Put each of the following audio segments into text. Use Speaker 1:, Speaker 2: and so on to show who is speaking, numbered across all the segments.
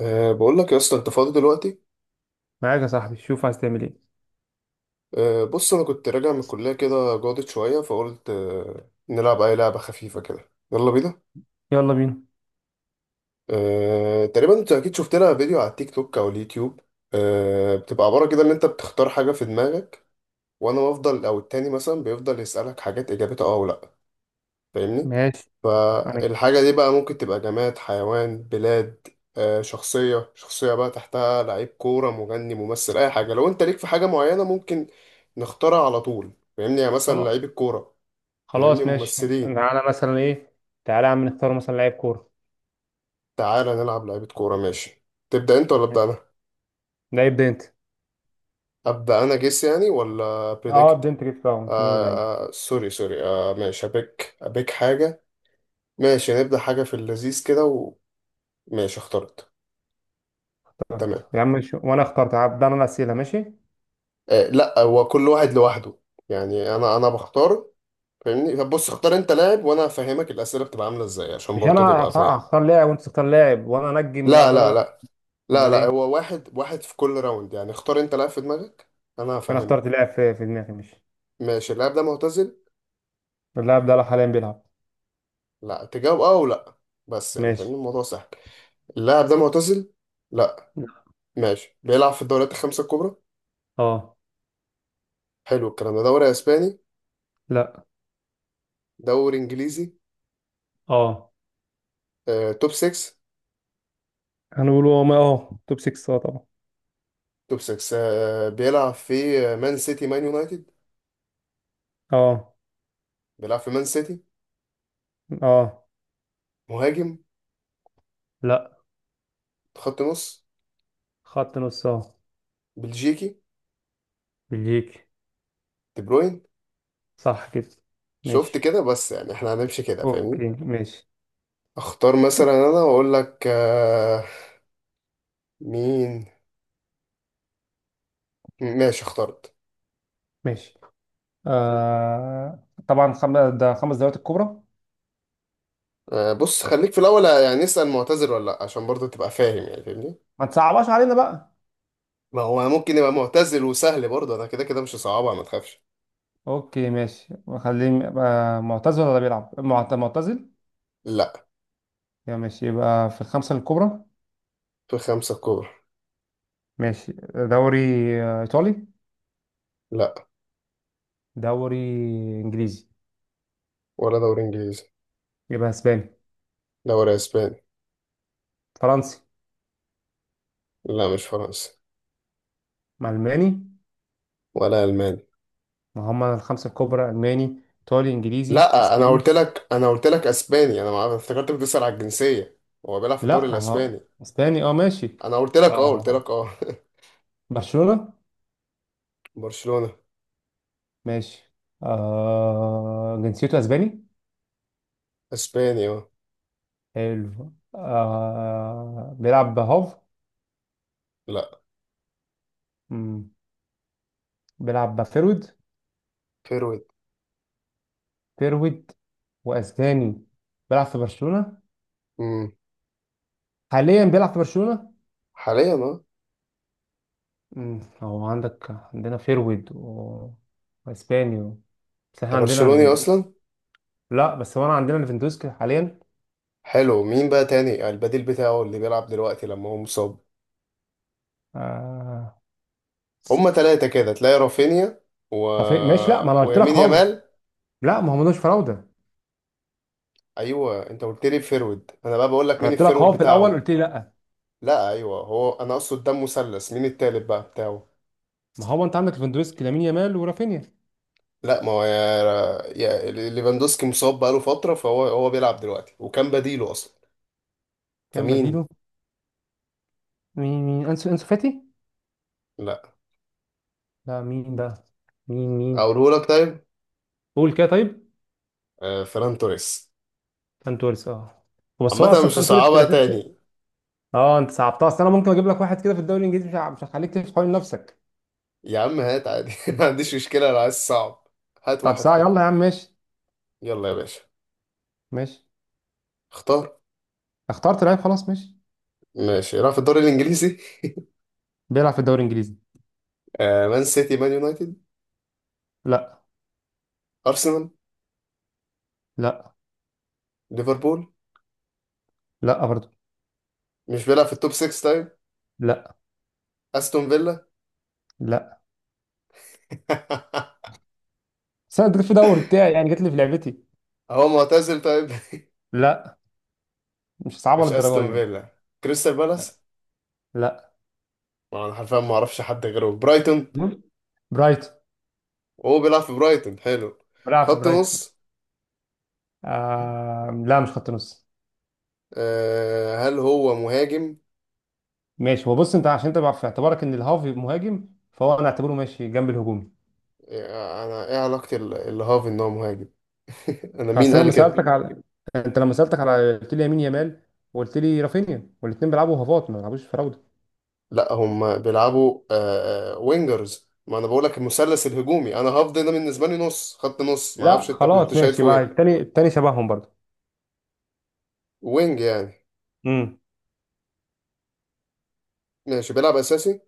Speaker 1: بقول لك يا اسطى، انت فاضي دلوقتي؟
Speaker 2: معاك يا صاحبي، شوف عايز تعمل ايه.
Speaker 1: بص انا كنت راجع من الكليه كده جاضت شويه فقلت نلعب اي لعبه خفيفه كده، يلا بينا.
Speaker 2: يلا بينا.
Speaker 1: تقريبا انت اكيد شفت لها فيديو على التيك توك او اليوتيوب. بتبقى عباره كده ان انت بتختار حاجه في دماغك، وانا بفضل او التاني مثلا بيفضل يسالك حاجات اجابتها اه ولا لا. فاهمني؟
Speaker 2: ماشي. يعني.
Speaker 1: فالحاجة دي بقى ممكن تبقى جماد، حيوان، بلاد، شخصية. شخصية بقى تحتها لعيب كورة، مغني، ممثل، أي حاجة. لو أنت ليك في حاجة معينة ممكن نختارها على طول، فاهمني؟ يعني مثلا
Speaker 2: خلاص.
Speaker 1: لعيب الكورة، فاهمني؟
Speaker 2: خلاص ماشي،
Speaker 1: ممثلين.
Speaker 2: انا مثلا ايه. تعالى يا عم نختار مثلا لعيب كوره.
Speaker 1: تعالى نلعب لعيبة كورة، ماشي؟ تبدأ أنت ولا أبدأ أنا؟
Speaker 2: ماشي. ده يبدا انت.
Speaker 1: أبدأ أنا، جيس يعني ولا
Speaker 2: اه، ابدا
Speaker 1: بريدكت؟
Speaker 2: انت كده. فاهم مين اللعيب؟
Speaker 1: آه. سوري سوري، ماشي، أبيك أبيك حاجة. ماشي، نبدأ حاجة في اللذيذ كده. وماشي، اخترت. تمام.
Speaker 2: يا عم شو. وانا اخترت، هبدا انا الاسئله ماشي.
Speaker 1: لا، هو كل واحد لوحده. يعني انا بختار، فاهمني؟ طب بص، اختار انت لاعب وانا هفهمك الاسئله بتبقى عامله ازاي عشان
Speaker 2: مش انا،
Speaker 1: برضه تبقى فاهم.
Speaker 2: هختار لاعب، وانت تختار لاعب، وانا انجم
Speaker 1: لا،
Speaker 2: افضل اقول
Speaker 1: لا،
Speaker 2: لك.
Speaker 1: لا. لا،
Speaker 2: امال
Speaker 1: لا،
Speaker 2: ايه.
Speaker 1: هو واحد واحد في كل راوند. يعني اختار انت لاعب في دماغك، انا
Speaker 2: انا اخترت
Speaker 1: هفهمك.
Speaker 2: لاعب في دماغي ماشي.
Speaker 1: ماشي، اللاعب ده معتزل؟
Speaker 2: اللاعب ده حاليا بيلعب.
Speaker 1: لا، تجاوب اه ولا. بس يعني فاهمني،
Speaker 2: ماشي.
Speaker 1: الموضوع سهل. اللاعب ده معتزل؟ لا. ماشي، بيلعب في الدوريات 5 الكبرى؟
Speaker 2: اه.
Speaker 1: حلو، الكلام ده دوري اسباني؟
Speaker 2: لا.
Speaker 1: دوري انجليزي؟
Speaker 2: اه.
Speaker 1: توب 6.
Speaker 2: هنقول توب 6، طبعا.
Speaker 1: توب 6، بيلعب في مان سيتي، مان يونايتد؟
Speaker 2: اه.
Speaker 1: بيلعب في مان سيتي؟
Speaker 2: اه.
Speaker 1: مهاجم؟
Speaker 2: لا.
Speaker 1: خط نص؟
Speaker 2: خط نص، اه.
Speaker 1: بلجيكي؟
Speaker 2: بلجيكي.
Speaker 1: دي بروين.
Speaker 2: صح كده.
Speaker 1: شفت
Speaker 2: ماشي.
Speaker 1: كده؟ بس يعني احنا هنمشي كده، فاهمني؟
Speaker 2: اوكي ماشي.
Speaker 1: اختار مثلا انا واقول لك مين. ماشي، اخترت.
Speaker 2: ماشي. طبعا ده خمس دوريات الكبرى.
Speaker 1: بص، خليك في الاول يعني اسال معتزل ولا لا، عشان برضه تبقى فاهم، يعني فاهمني.
Speaker 2: ما تصعبهاش علينا بقى.
Speaker 1: ما هو ممكن يبقى معتزل وسهل برضه، انا كده كده مش صعبة، ما تخافش.
Speaker 2: اوكي ماشي، خليه يبقى معتزل ولا بيلعب معتزل.
Speaker 1: لا.
Speaker 2: يا ماشي يبقى في الخمسة الكبرى.
Speaker 1: في 5 كورة.
Speaker 2: ماشي. دوري ايطالي؟
Speaker 1: لا،
Speaker 2: دوري انجليزي.
Speaker 1: ولا دوري انجليزي.
Speaker 2: يبقى اسباني.
Speaker 1: دوري اسباني.
Speaker 2: فرنسي.
Speaker 1: لا، مش فرنسي.
Speaker 2: مع الماني.
Speaker 1: ولا الماني.
Speaker 2: ما هم الخمسة الكبرى الماني ايطالي انجليزي
Speaker 1: لا، انا قلت
Speaker 2: اسباني.
Speaker 1: لك انا قلت لك اسباني، انا ما افتكرت بتسأل على الجنسيه. هو بيلعب في الدوري
Speaker 2: لا،
Speaker 1: الاسباني.
Speaker 2: اسباني، اه ماشي.
Speaker 1: انا قلت لك اه، قلت
Speaker 2: آه،
Speaker 1: لك اه.
Speaker 2: برشلونة.
Speaker 1: برشلونه.
Speaker 2: ماشي. جنسيته اسباني.
Speaker 1: اسباني اه.
Speaker 2: حلو. بيلعب هاف.
Speaker 1: لا.
Speaker 2: مم. بيلعب فيرود.
Speaker 1: فيرويد.
Speaker 2: فيرود واسباني، بيلعب في برشلونة.
Speaker 1: امم.
Speaker 2: حاليا بيلعب في برشلونة.
Speaker 1: حاليا اه.
Speaker 2: هو عندك. عندنا فيرود و... واسباني و... بس احنا
Speaker 1: انت
Speaker 2: عندنا
Speaker 1: برشلوني
Speaker 2: ليفاندوسكي.
Speaker 1: اصلا؟
Speaker 2: لا، بس هو انا عندنا ليفاندوسكي حاليا.
Speaker 1: حلو، مين بقى تاني يعني البديل بتاعه اللي بيلعب دلوقتي لما هو مصاب؟
Speaker 2: آه...
Speaker 1: هما 3 كده، تلاقي رافينيا و
Speaker 2: طب إيه؟ ماشي. لا، ما انا قلت لك
Speaker 1: ويمين
Speaker 2: هاف.
Speaker 1: يامال.
Speaker 2: لا، ما هو ملوش فراوده.
Speaker 1: ايوه انت قلت لي فيرويد، انا بقى بقول لك
Speaker 2: انا
Speaker 1: مين
Speaker 2: قلت لك
Speaker 1: الفيرويد
Speaker 2: هاف في الاول،
Speaker 1: بتاعهم.
Speaker 2: قلت لي لا.
Speaker 1: لا ايوه، هو انا اقصد ده مثلث، مين التالت بقى بتاعه.
Speaker 2: ما هو انت عندك ليفاندوسكي لامين يامال ورافينيا.
Speaker 1: لا، ما هو يا ليفاندوسكي مصاب بقاله فترة، فهو بيلعب دلوقتي وكان بديله أصلا.
Speaker 2: كان
Speaker 1: فمين؟
Speaker 2: بديله. مين انسو فاتي.
Speaker 1: لا.
Speaker 2: لا، مين بقى؟ مين.
Speaker 1: أقوله لك طيب.
Speaker 2: قول كده طيب.
Speaker 1: فران توريس.
Speaker 2: فان توريس، اه. بس
Speaker 1: عامة
Speaker 2: هو
Speaker 1: أنا
Speaker 2: اصلا
Speaker 1: مش
Speaker 2: فان توريس
Speaker 1: هصعبها
Speaker 2: الاساسي.
Speaker 1: تاني.
Speaker 2: اه، انت صعبتها، اصل انا ممكن اجيب لك واحد كده في الدوري الانجليزي، مش هخليك تلف حوالين نفسك.
Speaker 1: يا عم هات عادي، ما عنديش مشكلة لو عايز صعب. هات
Speaker 2: طب
Speaker 1: واحد
Speaker 2: ساعه
Speaker 1: حلو.
Speaker 2: يلا يا عم ماشي.
Speaker 1: يلا يا باشا.
Speaker 2: ماشي.
Speaker 1: اختار.
Speaker 2: اخترت لعيب، خلاص ماشي.
Speaker 1: ماشي، راح في الدوري الإنجليزي.
Speaker 2: بيلعب في الدوري الانجليزي.
Speaker 1: مان سيتي، مان يونايتد؟
Speaker 2: لا.
Speaker 1: أرسنال؟
Speaker 2: لا.
Speaker 1: ليفربول؟
Speaker 2: لا برضه.
Speaker 1: مش بيلعب في التوب 6 طيب؟
Speaker 2: لا.
Speaker 1: أستون فيلا؟
Speaker 2: لا. بس انا اديك في دوري بتاعي، يعني جت لي في لعبتي.
Speaker 1: هو معتزل طيب؟
Speaker 2: لا. مش صعبه
Speaker 1: مش
Speaker 2: للدرجه دي
Speaker 1: أستون
Speaker 2: يعني.
Speaker 1: فيلا؟ كريستال بالاس؟
Speaker 2: لا.
Speaker 1: ما انا حرفيا ما اعرفش حد غيره في برايتون.
Speaker 2: برايتون.
Speaker 1: وهو بيلعب في برايتون؟ حلو.
Speaker 2: بيلعب في
Speaker 1: خط
Speaker 2: برايتون.
Speaker 1: نص؟
Speaker 2: لا، مش خط نص.
Speaker 1: هل هو مهاجم؟
Speaker 2: ماشي، هو بص، انت عشان تبقى في اعتبارك ان الهاف مهاجم، فهو انا اعتبره ماشي جنب الهجومي.
Speaker 1: انا ايه علاقة الهاف ان هو مهاجم؟ انا مين
Speaker 2: اصل
Speaker 1: قال
Speaker 2: لما
Speaker 1: كده؟
Speaker 2: سالتك على، انت لما سالتك على قلت لي يمين يامال، وقلت لي رافينيا، والاثنين بيلعبوا هافات ما بيلعبوش فراوده.
Speaker 1: لا هم بيلعبوا وينجرز. ما انا بقول لك المثلث الهجومي، انا هاف ده بالنسبة لي نص خط نص، ما
Speaker 2: لا
Speaker 1: اعرفش انت
Speaker 2: خلاص ماشي
Speaker 1: شايفه
Speaker 2: بقى.
Speaker 1: ايه.
Speaker 2: التاني التاني شبههم برضه.
Speaker 1: وينج يعني.
Speaker 2: امم.
Speaker 1: ماشي، بيلعب اساسي؟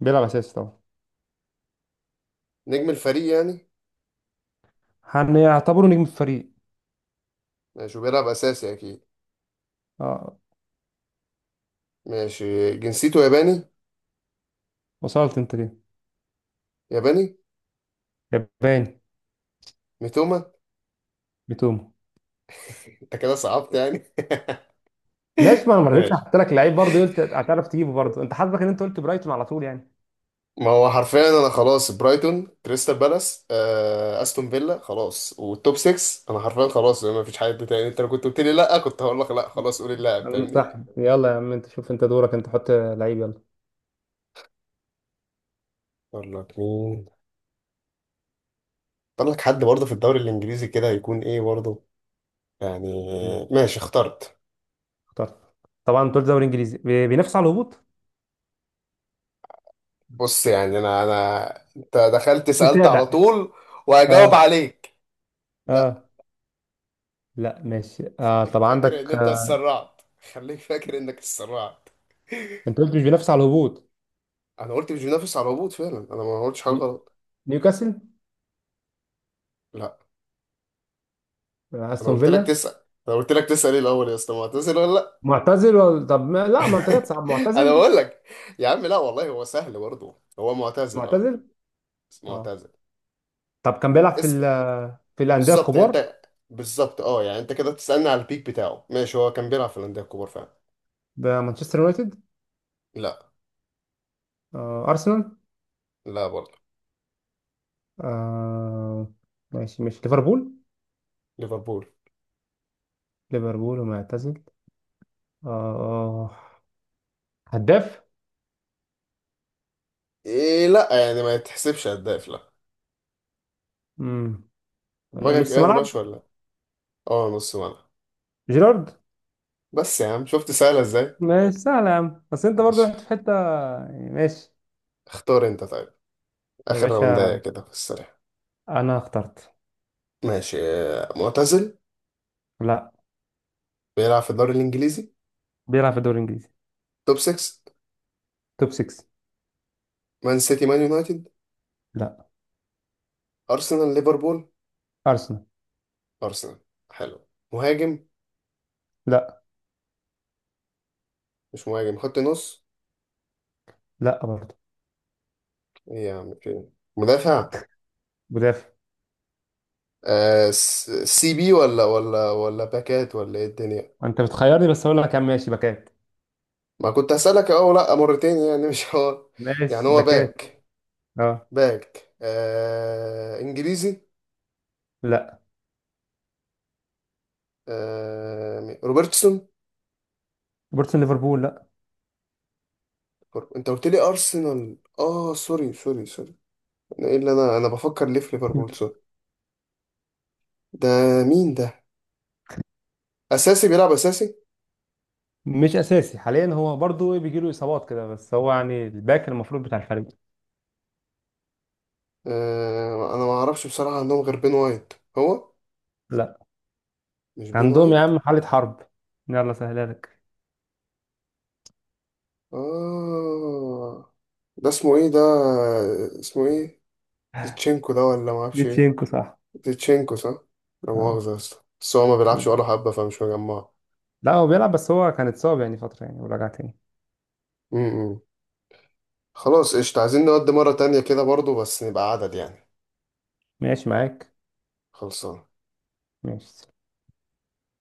Speaker 2: بيلعب اساسي طبعا.
Speaker 1: نجم الفريق يعني؟
Speaker 2: هنعتبره نجم الفريق.
Speaker 1: ماشي، بيلعب اساسي اكيد.
Speaker 2: اه.
Speaker 1: ماشي، جنسيته ياباني؟
Speaker 2: وصلت انت ليه؟
Speaker 1: ياباني.
Speaker 2: ياباني.
Speaker 1: ميتوما.
Speaker 2: بتوم.
Speaker 1: انت كده صعبت يعني.
Speaker 2: ماشي، ما انا ما رضيتش
Speaker 1: ماشي.
Speaker 2: احط لك لعيب، برضه قلت هتعرف تجيبه برضه، انت حظك ان انت قلت برايتون على طول يعني.
Speaker 1: ما هو حرفيا انا خلاص برايتون، كريستال بالاس، استون فيلا خلاص، والتوب 6 انا حرفيا خلاص، ما فيش حد تاني. انت لو كنت قلت لي لا كنت هقول لك لا، خلاص قول اللاعب، فاهمني؟
Speaker 2: صح، يلا يا عم، انت شوف، انت دورك، انت حط لعيب يلا.
Speaker 1: اقول لك مين؟ اختار لك حد برضه في الدوري الانجليزي كده هيكون ايه برضه، يعني. ماشي، اخترت.
Speaker 2: طب. طبعا دول دوري انجليزي بينافس على الهبوط.
Speaker 1: بص يعني، انا انا انت دخلت
Speaker 2: مش
Speaker 1: سألت على
Speaker 2: متابع.
Speaker 1: طول وهجاوب
Speaker 2: اه.
Speaker 1: عليك. لا.
Speaker 2: اه. لا. ماشي،
Speaker 1: خليك
Speaker 2: طب
Speaker 1: فاكر ان
Speaker 2: عندك
Speaker 1: انت
Speaker 2: آه.
Speaker 1: اتسرعت. خليك فاكر انك اتسرعت.
Speaker 2: انت قلت مش بينافس على الهبوط.
Speaker 1: انا قلت مش بينافس على الهبوط، فعلا انا ما قلتش حاجه
Speaker 2: ني-
Speaker 1: غلط.
Speaker 2: نيوكاسل.
Speaker 1: لا. انا
Speaker 2: استون
Speaker 1: قلت لك
Speaker 2: فيلا.
Speaker 1: تسال، انا قلت لك تسال ايه الاول يا اسطى، ما هتسال ولا لا؟
Speaker 2: معتزل ولا طب ما... لا، ما انت كده صعب.
Speaker 1: انا
Speaker 2: معتزل؟
Speaker 1: بقول لك. يا عم لا والله، هو سهل برضه، هو معتزل اه.
Speaker 2: معتزل.
Speaker 1: بس
Speaker 2: اه.
Speaker 1: معتزل.
Speaker 2: طب كان بيلعب في ال...
Speaker 1: اسال.
Speaker 2: في الانديه
Speaker 1: بالظبط يعني
Speaker 2: الكبار.
Speaker 1: انت. بالظبط اه، يعني انت كده بتسالني على البيك بتاعه. ماشي، هو كان بيلعب في الانديه الكبار فعلا.
Speaker 2: بمانشستر يونايتد؟
Speaker 1: لا.
Speaker 2: ارسنال؟
Speaker 1: لا برضه.
Speaker 2: آه ماشي ماشي، ليفربول.
Speaker 1: ليفربول.
Speaker 2: ليفربول ومعتزل. اه. هداف؟
Speaker 1: إيه لا يعني، ما يتحسبش هداف لا.
Speaker 2: مم.
Speaker 1: دماغك
Speaker 2: نص
Speaker 1: ايه،
Speaker 2: ملعب.
Speaker 1: ناش ولا؟ اه نص ملعب.
Speaker 2: جيرارد.
Speaker 1: بس يا عم شفت سهله ازاي.
Speaker 2: ماشي، سهلة يا عم، بس انت برضو
Speaker 1: ماشي.
Speaker 2: رحت في حتة يعني ماشي.
Speaker 1: اختار انت طيب.
Speaker 2: يا
Speaker 1: اخر راوندايه
Speaker 2: باشا.
Speaker 1: كده في السريع.
Speaker 2: انا اخترت.
Speaker 1: ماشي، معتزل؟
Speaker 2: لا.
Speaker 1: بيلعب في الدوري الانجليزي؟
Speaker 2: بيلعب في الدوري الانجليزي.
Speaker 1: توب 6؟
Speaker 2: توب 6.
Speaker 1: مان سيتي، مان يونايتد؟
Speaker 2: لا.
Speaker 1: ارسنال، ليفربول؟
Speaker 2: ارسنال.
Speaker 1: ارسنال؟ حلو. مهاجم؟
Speaker 2: لا.
Speaker 1: مش مهاجم، خط نص؟
Speaker 2: لا برضو.
Speaker 1: إيه يا عم، في. مدافع؟
Speaker 2: مدافع.
Speaker 1: سي بي ولا باكات ولا ايه الدنيا؟
Speaker 2: انت بتخيرني، بس اقول لك يا عم ماشي، باكات.
Speaker 1: ما كنت هسألك اه لا، مرتين يعني مش هو. يعني
Speaker 2: ماشي،
Speaker 1: هو
Speaker 2: باكات.
Speaker 1: باك.
Speaker 2: اه.
Speaker 1: باك انجليزي؟
Speaker 2: لا.
Speaker 1: روبرتسون؟
Speaker 2: روبرتسون ليفربول، لا.
Speaker 1: انت قلت لي ارسنال، اه سوري سوري سوري. ايه اللي انا بفكر ليه في ليفربول، سوري. ده، مين ده؟ اساسي، بيلعب اساسي؟
Speaker 2: مش اساسي حاليا، هو برضو بيجي له اصابات كده، بس هو يعني الباك المفروض بتاع الفريق.
Speaker 1: انا ما اعرفش بصراحه، عندهم غير بين وايت. هو،
Speaker 2: لا.
Speaker 1: مش بين
Speaker 2: عندهم يا
Speaker 1: وايت؟
Speaker 2: عم حالة حرب. يلا سهلها لك.
Speaker 1: اه. ده اسمه ايه ده؟ اسمه ايه؟ زيتشينكو ده، ولا ما اعرفش ايه؟
Speaker 2: ليتشينكو صح.
Speaker 1: زيتشينكو صح. لا
Speaker 2: آه.
Speaker 1: مؤاخذه يا اسطى، بس هو ما بيلعبش ولا حبه، فمش مجمعه.
Speaker 2: لا، هو بيلعب، بس هو كان اتصاب يعني فترة يعني ورجع تاني.
Speaker 1: م- م. خلاص قشطة، عايزين نودي مرة تانية كده برضو بس نبقى عدد يعني.
Speaker 2: ماشي معاك.
Speaker 1: خلصان.
Speaker 2: ماشي.